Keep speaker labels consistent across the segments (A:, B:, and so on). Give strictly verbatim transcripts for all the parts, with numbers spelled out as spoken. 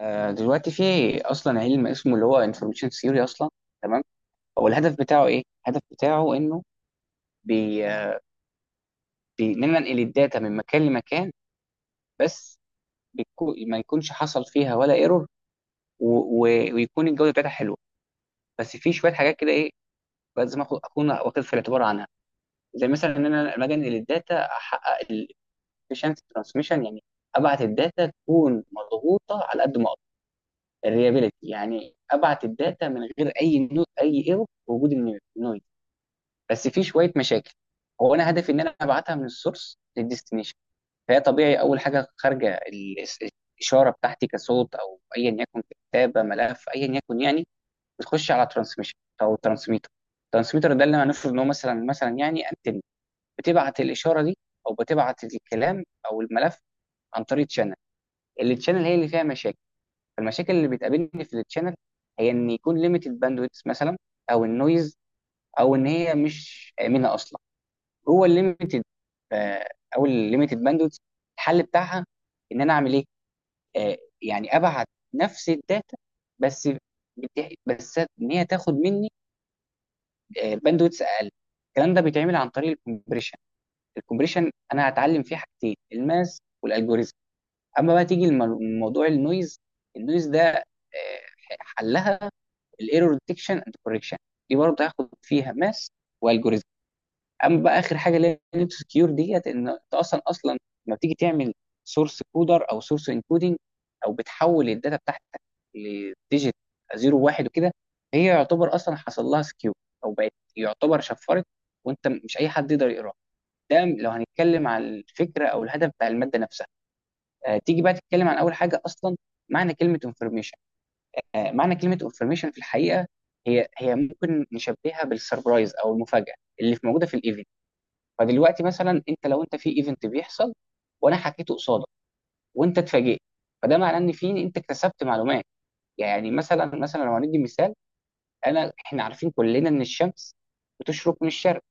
A: آه، دلوقتي في اصلا علم اسمه اللي هو انفورميشن ثيوري اصلا. تمام. هو الهدف بتاعه ايه؟ الهدف بتاعه انه بي... آه، بي- بننقل الداتا من مكان لمكان بس. بيكو... ما يكونش حصل فيها ولا ايرور و... و... ويكون الجوده بتاعتها حلوه. بس في شويه حاجات كده، ايه لازم آخد- اكون واخد في الاعتبار عنها؟ زي مثلا ان انا لما أجي انقل الداتا احقق الافشنسي ترانسميشن، يعني ابعت الداتا تكون مضغوطه على قد ما اقدر. الريابيليتي، يعني ابعت الداتا من غير اي نو... اي ايرور وجود النويز. بس في شويه مشاكل. هو انا هدفي ان انا ابعتها من السورس للديستنيشن. فهي طبيعي، اول حاجه خارجه ال- الاشاره بتاعتي كصوت او ايا يكن، كتابه ملف ايا يكن يعني، بتخش على ترانسميشن او ترانسميتر. الترانسميتر ده اللي هنفرض ان هو مثلا مثلا يعني انتن، بتبعت الاشاره دي او بتبعت الكلام او الملف عن طريق تشانل. التشانل هي اللي فيها مشاكل. فالمشاكل اللي بتقابلني في التشانل هي ان يكون ليميتد باندويث مثلا، او النويز، او ان هي مش امنه اصلا. جوه الليميتد، آه، او الليميتد باندوت، الحل بتاعها ان انا اعمل ايه؟ آه، يعني ابعت نفس الداتا، بس بت- بس ان هي تاخد مني باندوتس اقل. الكلام ده بيتعمل عن طريق الكومبريشن. الكومبريشن انا هتعلم فيه حاجتين، الماس والالجوريزم. اما بقى تيجي الم- موضوع النويز، النويز ده آه، حلها الايرور ديتكشن اند كوركشن. دي برضه هاخد فيها ماس والجوريزم. اما بقى اخر حاجه اللي هي نيم سكيور ديت، ان انت اصلا اصلا لما بتيجي تعمل سورس كودر او سورس انكودنج، او بتحول الداتا بتاعتك لديجيت صفر واحد وكده، هي يعتبر اصلا حصل لها سكيور، او بقت يعتبر شفرت، وانت مش اي حد يقدر يقراها. ده لو هنتكلم عن الفكره او الهدف بتاع الماده نفسها. آه تيجي بقى تتكلم عن اول حاجه اصلا، معنى كلمه انفورميشن. آه معنى كلمه انفورميشن في الحقيقه، هي هي ممكن نشبهها بالسربرايز او المفاجاه اللي في موجوده في الايفنت. فدلوقتي مثلا انت، لو انت في ايفنت بيحصل وانا حكيته قصادك وانت اتفاجئت، فده معناه ان في، انت اكتسبت معلومات. يعني مثلا مثلا لو هندي مثال، انا، احنا عارفين كلنا ان الشمس بتشرق من الشرق.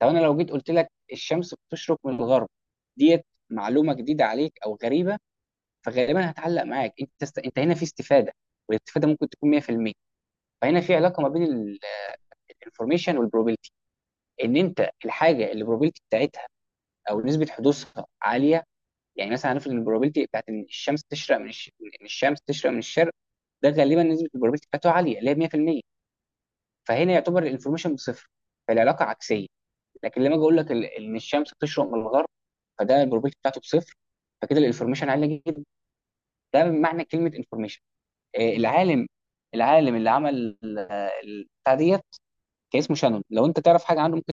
A: طب انا لو جيت قلت لك الشمس بتشرق من الغرب، ديت معلومه جديده عليك او غريبه، فغالبا هتعلق معاك. انت است... انت هنا في استفاده، والاستفاده ممكن تكون مية في المية. فهنا في علاقه ما بين الانفورميشن والبروبابيلتي، ان انت الحاجه اللي البروبابيلتي بتاعتها او نسبه حدوثها عاليه. يعني مثلا هنفرض ان البروبابيلتي بتاعت ان الشمس تشرق من الش... ان الشمس تشرق من الشرق، ده غالبا نسبه البروبابيلتي بتاعته عاليه، اللي هي مية في المية. فهنا يعتبر الانفورميشن بصفر، فالعلاقه عكسيه. لكن لما اجي اقول لك ال- ان الشمس بتشرق من الغرب، فده البروبابيلتي بتاعته بصفر، فكده الانفورميشن عاليه جدا. ده معنى كلمه انفورميشن. العالم، العالم اللي عمل آه، البتاع ديت كان اسمه شانون. لو انت تعرف حاجه عنه ممكن،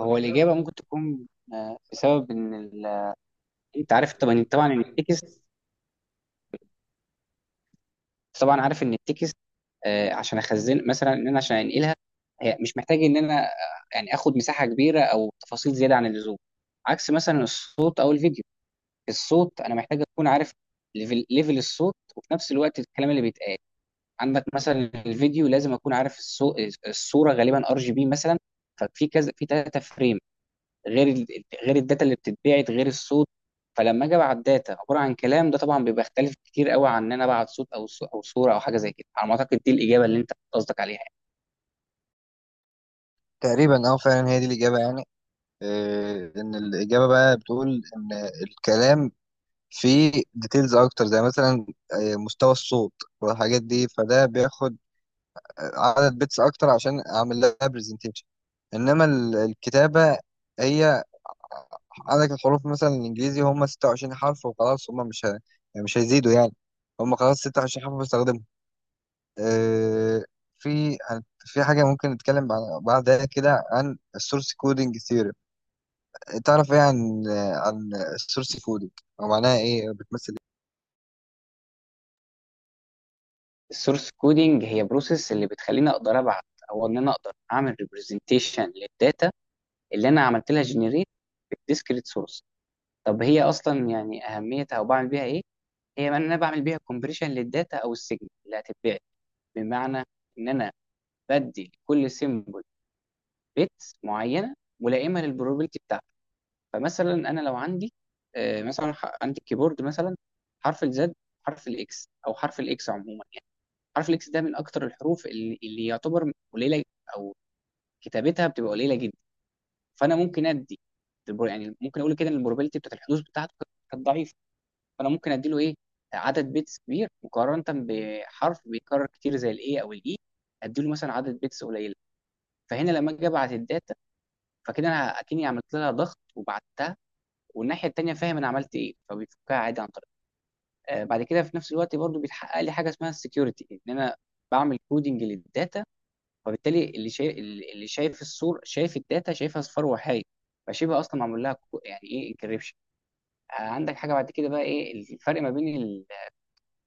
A: هو الاجابه ممكن تكون، آه، بسبب ان ال... انت عارف طبعا طبعا ان التكست، طبعا عارف ان التكست، آه، عشان اخزن مثلا، ان انا عشان انقلها، هي مش محتاج ان انا آه، يعني اخد مساحه كبيره او تفاصيل زياده عن اللزوم، عكس مثلا الصوت او الفيديو. الصوت انا محتاج اكون عارف ليفل, ليفل الصوت، وفي نفس الوقت الكلام اللي بيتقال عندك مثلا. الفيديو لازم اكون عارف الصو... الصوره، غالبا ار جي بي مثلا، ففي كذا، في ثلاثه فريم، غير ال- غير الداتا اللي بتتبعت، غير الصوت. فلما اجي ابعت داتا عباره عن كلام، ده طبعا بيبقى اختلف كتير قوي عن ان انا ابعت صوت، او صو- او صوره او حاجه زي كده. على ما اعتقد دي الاجابه اللي انت قصدك عليها يعني.
B: تقريبا، اه، فعلا هي دي الإجابة يعني. آه، إن الإجابة بقى بتقول إن الكلام فيه ديتيلز أكتر، زي مثلا آه، مستوى الصوت والحاجات دي، فده بياخد آه، عدد بيتس أكتر عشان أعمل لها برزنتيشن. إنما ال- الكتابة هي، عندك الحروف مثلا الإنجليزي هم ستة وعشرين حرف وخلاص، هم مش ه... يعني مش هيزيدوا يعني، هم خلاص ستة وعشرين حرف بستخدمهم. آه، في في حاجة ممكن نتكلم بعد- بعدها كده عن السورس كودينج. تعرف ايه عن عن السورس كودنج او معناها ايه أو بتمثل
A: السورس كودينج هي بروسيس اللي بتخليني اقدر ابعت، او ان انا اقدر اعمل ريبرزنتيشن للداتا اللي انا عملت لها جنريت بالديسكريت سورس. طب هي اصلا يعني اهميتها او بعمل بيها ايه؟ هي ان انا بعمل بيها كومبريشن للداتا او السيجنال اللي هتتبعت، بمعنى ان انا بدي كل سيمبل بيتس معينه ملائمه للبروبابيلتي بتاعتك. فمثلا انا لو عندي، آه، مثلا ح- عندي الكيبورد مثلا، حرف الزد، حرف الاكس، او حرف الاكس عموما يعني. حرف الاكس ده من اكتر الحروف اللي, اللي يعتبر قليله، او كتابتها بتبقى قليله جدا. فانا ممكن ادي البر- يعني ممكن اقول كده ان البروبابيلتي بتاعت الحدوث بتاعته كانت كانت ضعيفه، فانا ممكن ادي له ايه؟ عدد بيتس كبير، مقارنه بحرف بيتكرر كتير زي الاي، او الاي ادي له مثلا عدد بيتس قليله. فهنا لما اجي ابعت الداتا، فكده انا اكني عملت لها ضغط وبعتها، والناحيه التانيه فاهم انا عملت ايه، فبيفكها عادي عن طريق. آه، بعد كده في نفس الوقت برضو بيتحقق لي حاجه اسمها السكيورتي، ان انا بعمل كودنج للداتا، فبالتالي اللي شايف، اللي شايف الصور شايف الداتا، شايفها اصفار وحايد، فشبه اصلا معمول لها كو- يعني ايه، انكريبشن. عندك حاجه بعد كده، بقى ايه الفرق ما بين ال-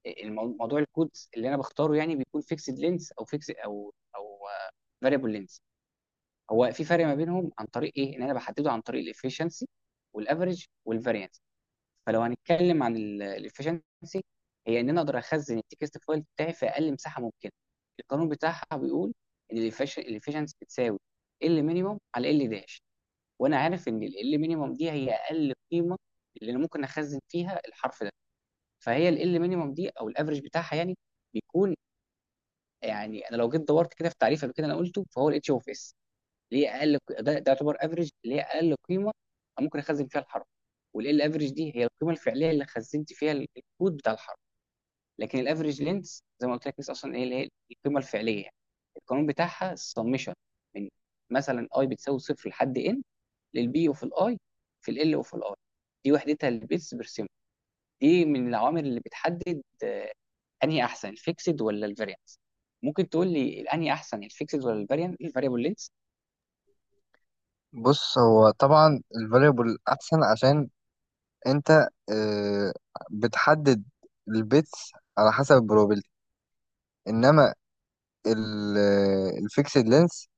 A: المو- موضوع الكود اللي انا بختاره؟ يعني بيكون فيكسد لينس، او فيكس او او فاريبل لينس. هو في فرق ما بينهم عن طريق ايه؟ ان انا بحدده عن طريق الافشنسي والافريج والفاريانس. فلو هنتكلم عن الافشنسي، هي ان انا اقدر اخزن التكست فايل بتاعي في اقل مساحه ممكنه. القانون بتاعها بيقول ان الافشنسي بتساوي ال مينيموم على ال داش. وانا عارف ان ال مينيموم دي هي اقل قيمه اللي انا ممكن اخزن فيها الحرف ده. فهي ال مينيموم دي او الافريج بتاعها يعني بيكون، يعني انا لو جيت دورت كده في تعريف قبل كده انا قلته، فهو الاتش اوف اس. ليه اقل ق- ده, ده يعتبر افريج ليه اقل قيمه أنا ممكن اخزن فيها الحرف. والال افريج دي هي القيمه الفعليه اللي خزنت فيها ال- الكود بتاع الحرف. لكن الافريج لينث زي ما قلت لك لسه اصلا ايه، اللي هي القيمه الفعليه يعني. القانون بتاعها السمشن من مثلا اي بتساوي صفر لحد ان للبي وفي الاي، في ال وفي الاي. دي وحدتها البيتس بير سيمبل. دي من العوامل اللي بتحدد آه، انهي احسن، الفيكسد ولا الفاريانس. ممكن تقول لي الانهي احسن، الفيكسد ولا الفاريانت، الفاريبل لينث؟
B: ايه؟ بص، هو طبعا الفاريبل احسن عشان انت آه، بتحدد البيتس على حسب البروبابيلتي. انما الفيكسد لينس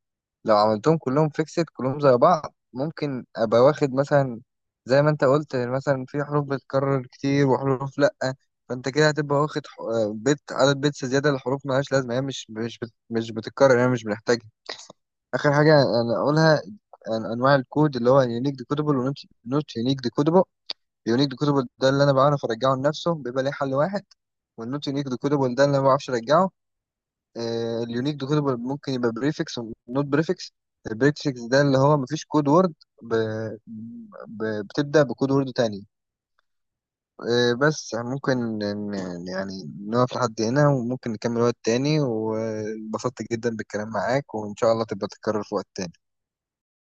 B: لو عملتهم كلهم فيكسد كلهم زي بعض، ممكن ابقى واخد مثلا، زي ما انت قلت، مثلا في حروف بتتكرر كتير وحروف لا، فانت كده هتبقى واخد ح- آه، بيت عدد بيتس زياده لحروف ملهاش لازمه، هي مش مش بت- مش بتتكرر، هي مش بنحتاجها. اخر حاجه انا اقولها عن انواع الكود، اللي هو يونيك ديكودبل ونوت يونيك ديكودبل. يونيك ديكودبل ده اللي انا بعرف ارجعه لنفسه، بيبقى ليه حل واحد، والنوت يونيك ديكودبل ده اللي انا ما بعرفش ارجعه. آه، اليونيك ديكودبل ممكن يبقى بريفكس ونوت بريفكس. البريفكس ده اللي هو مفيش كود وورد ب... ب... بتبدا بكود وورد تاني. آه، بس ممكن ن- يعني نقف لحد هنا وممكن نكمل وقت تاني، وانبسطت جدا بالكلام معاك وإن شاء الله تبقى تتكرر في وقت تاني.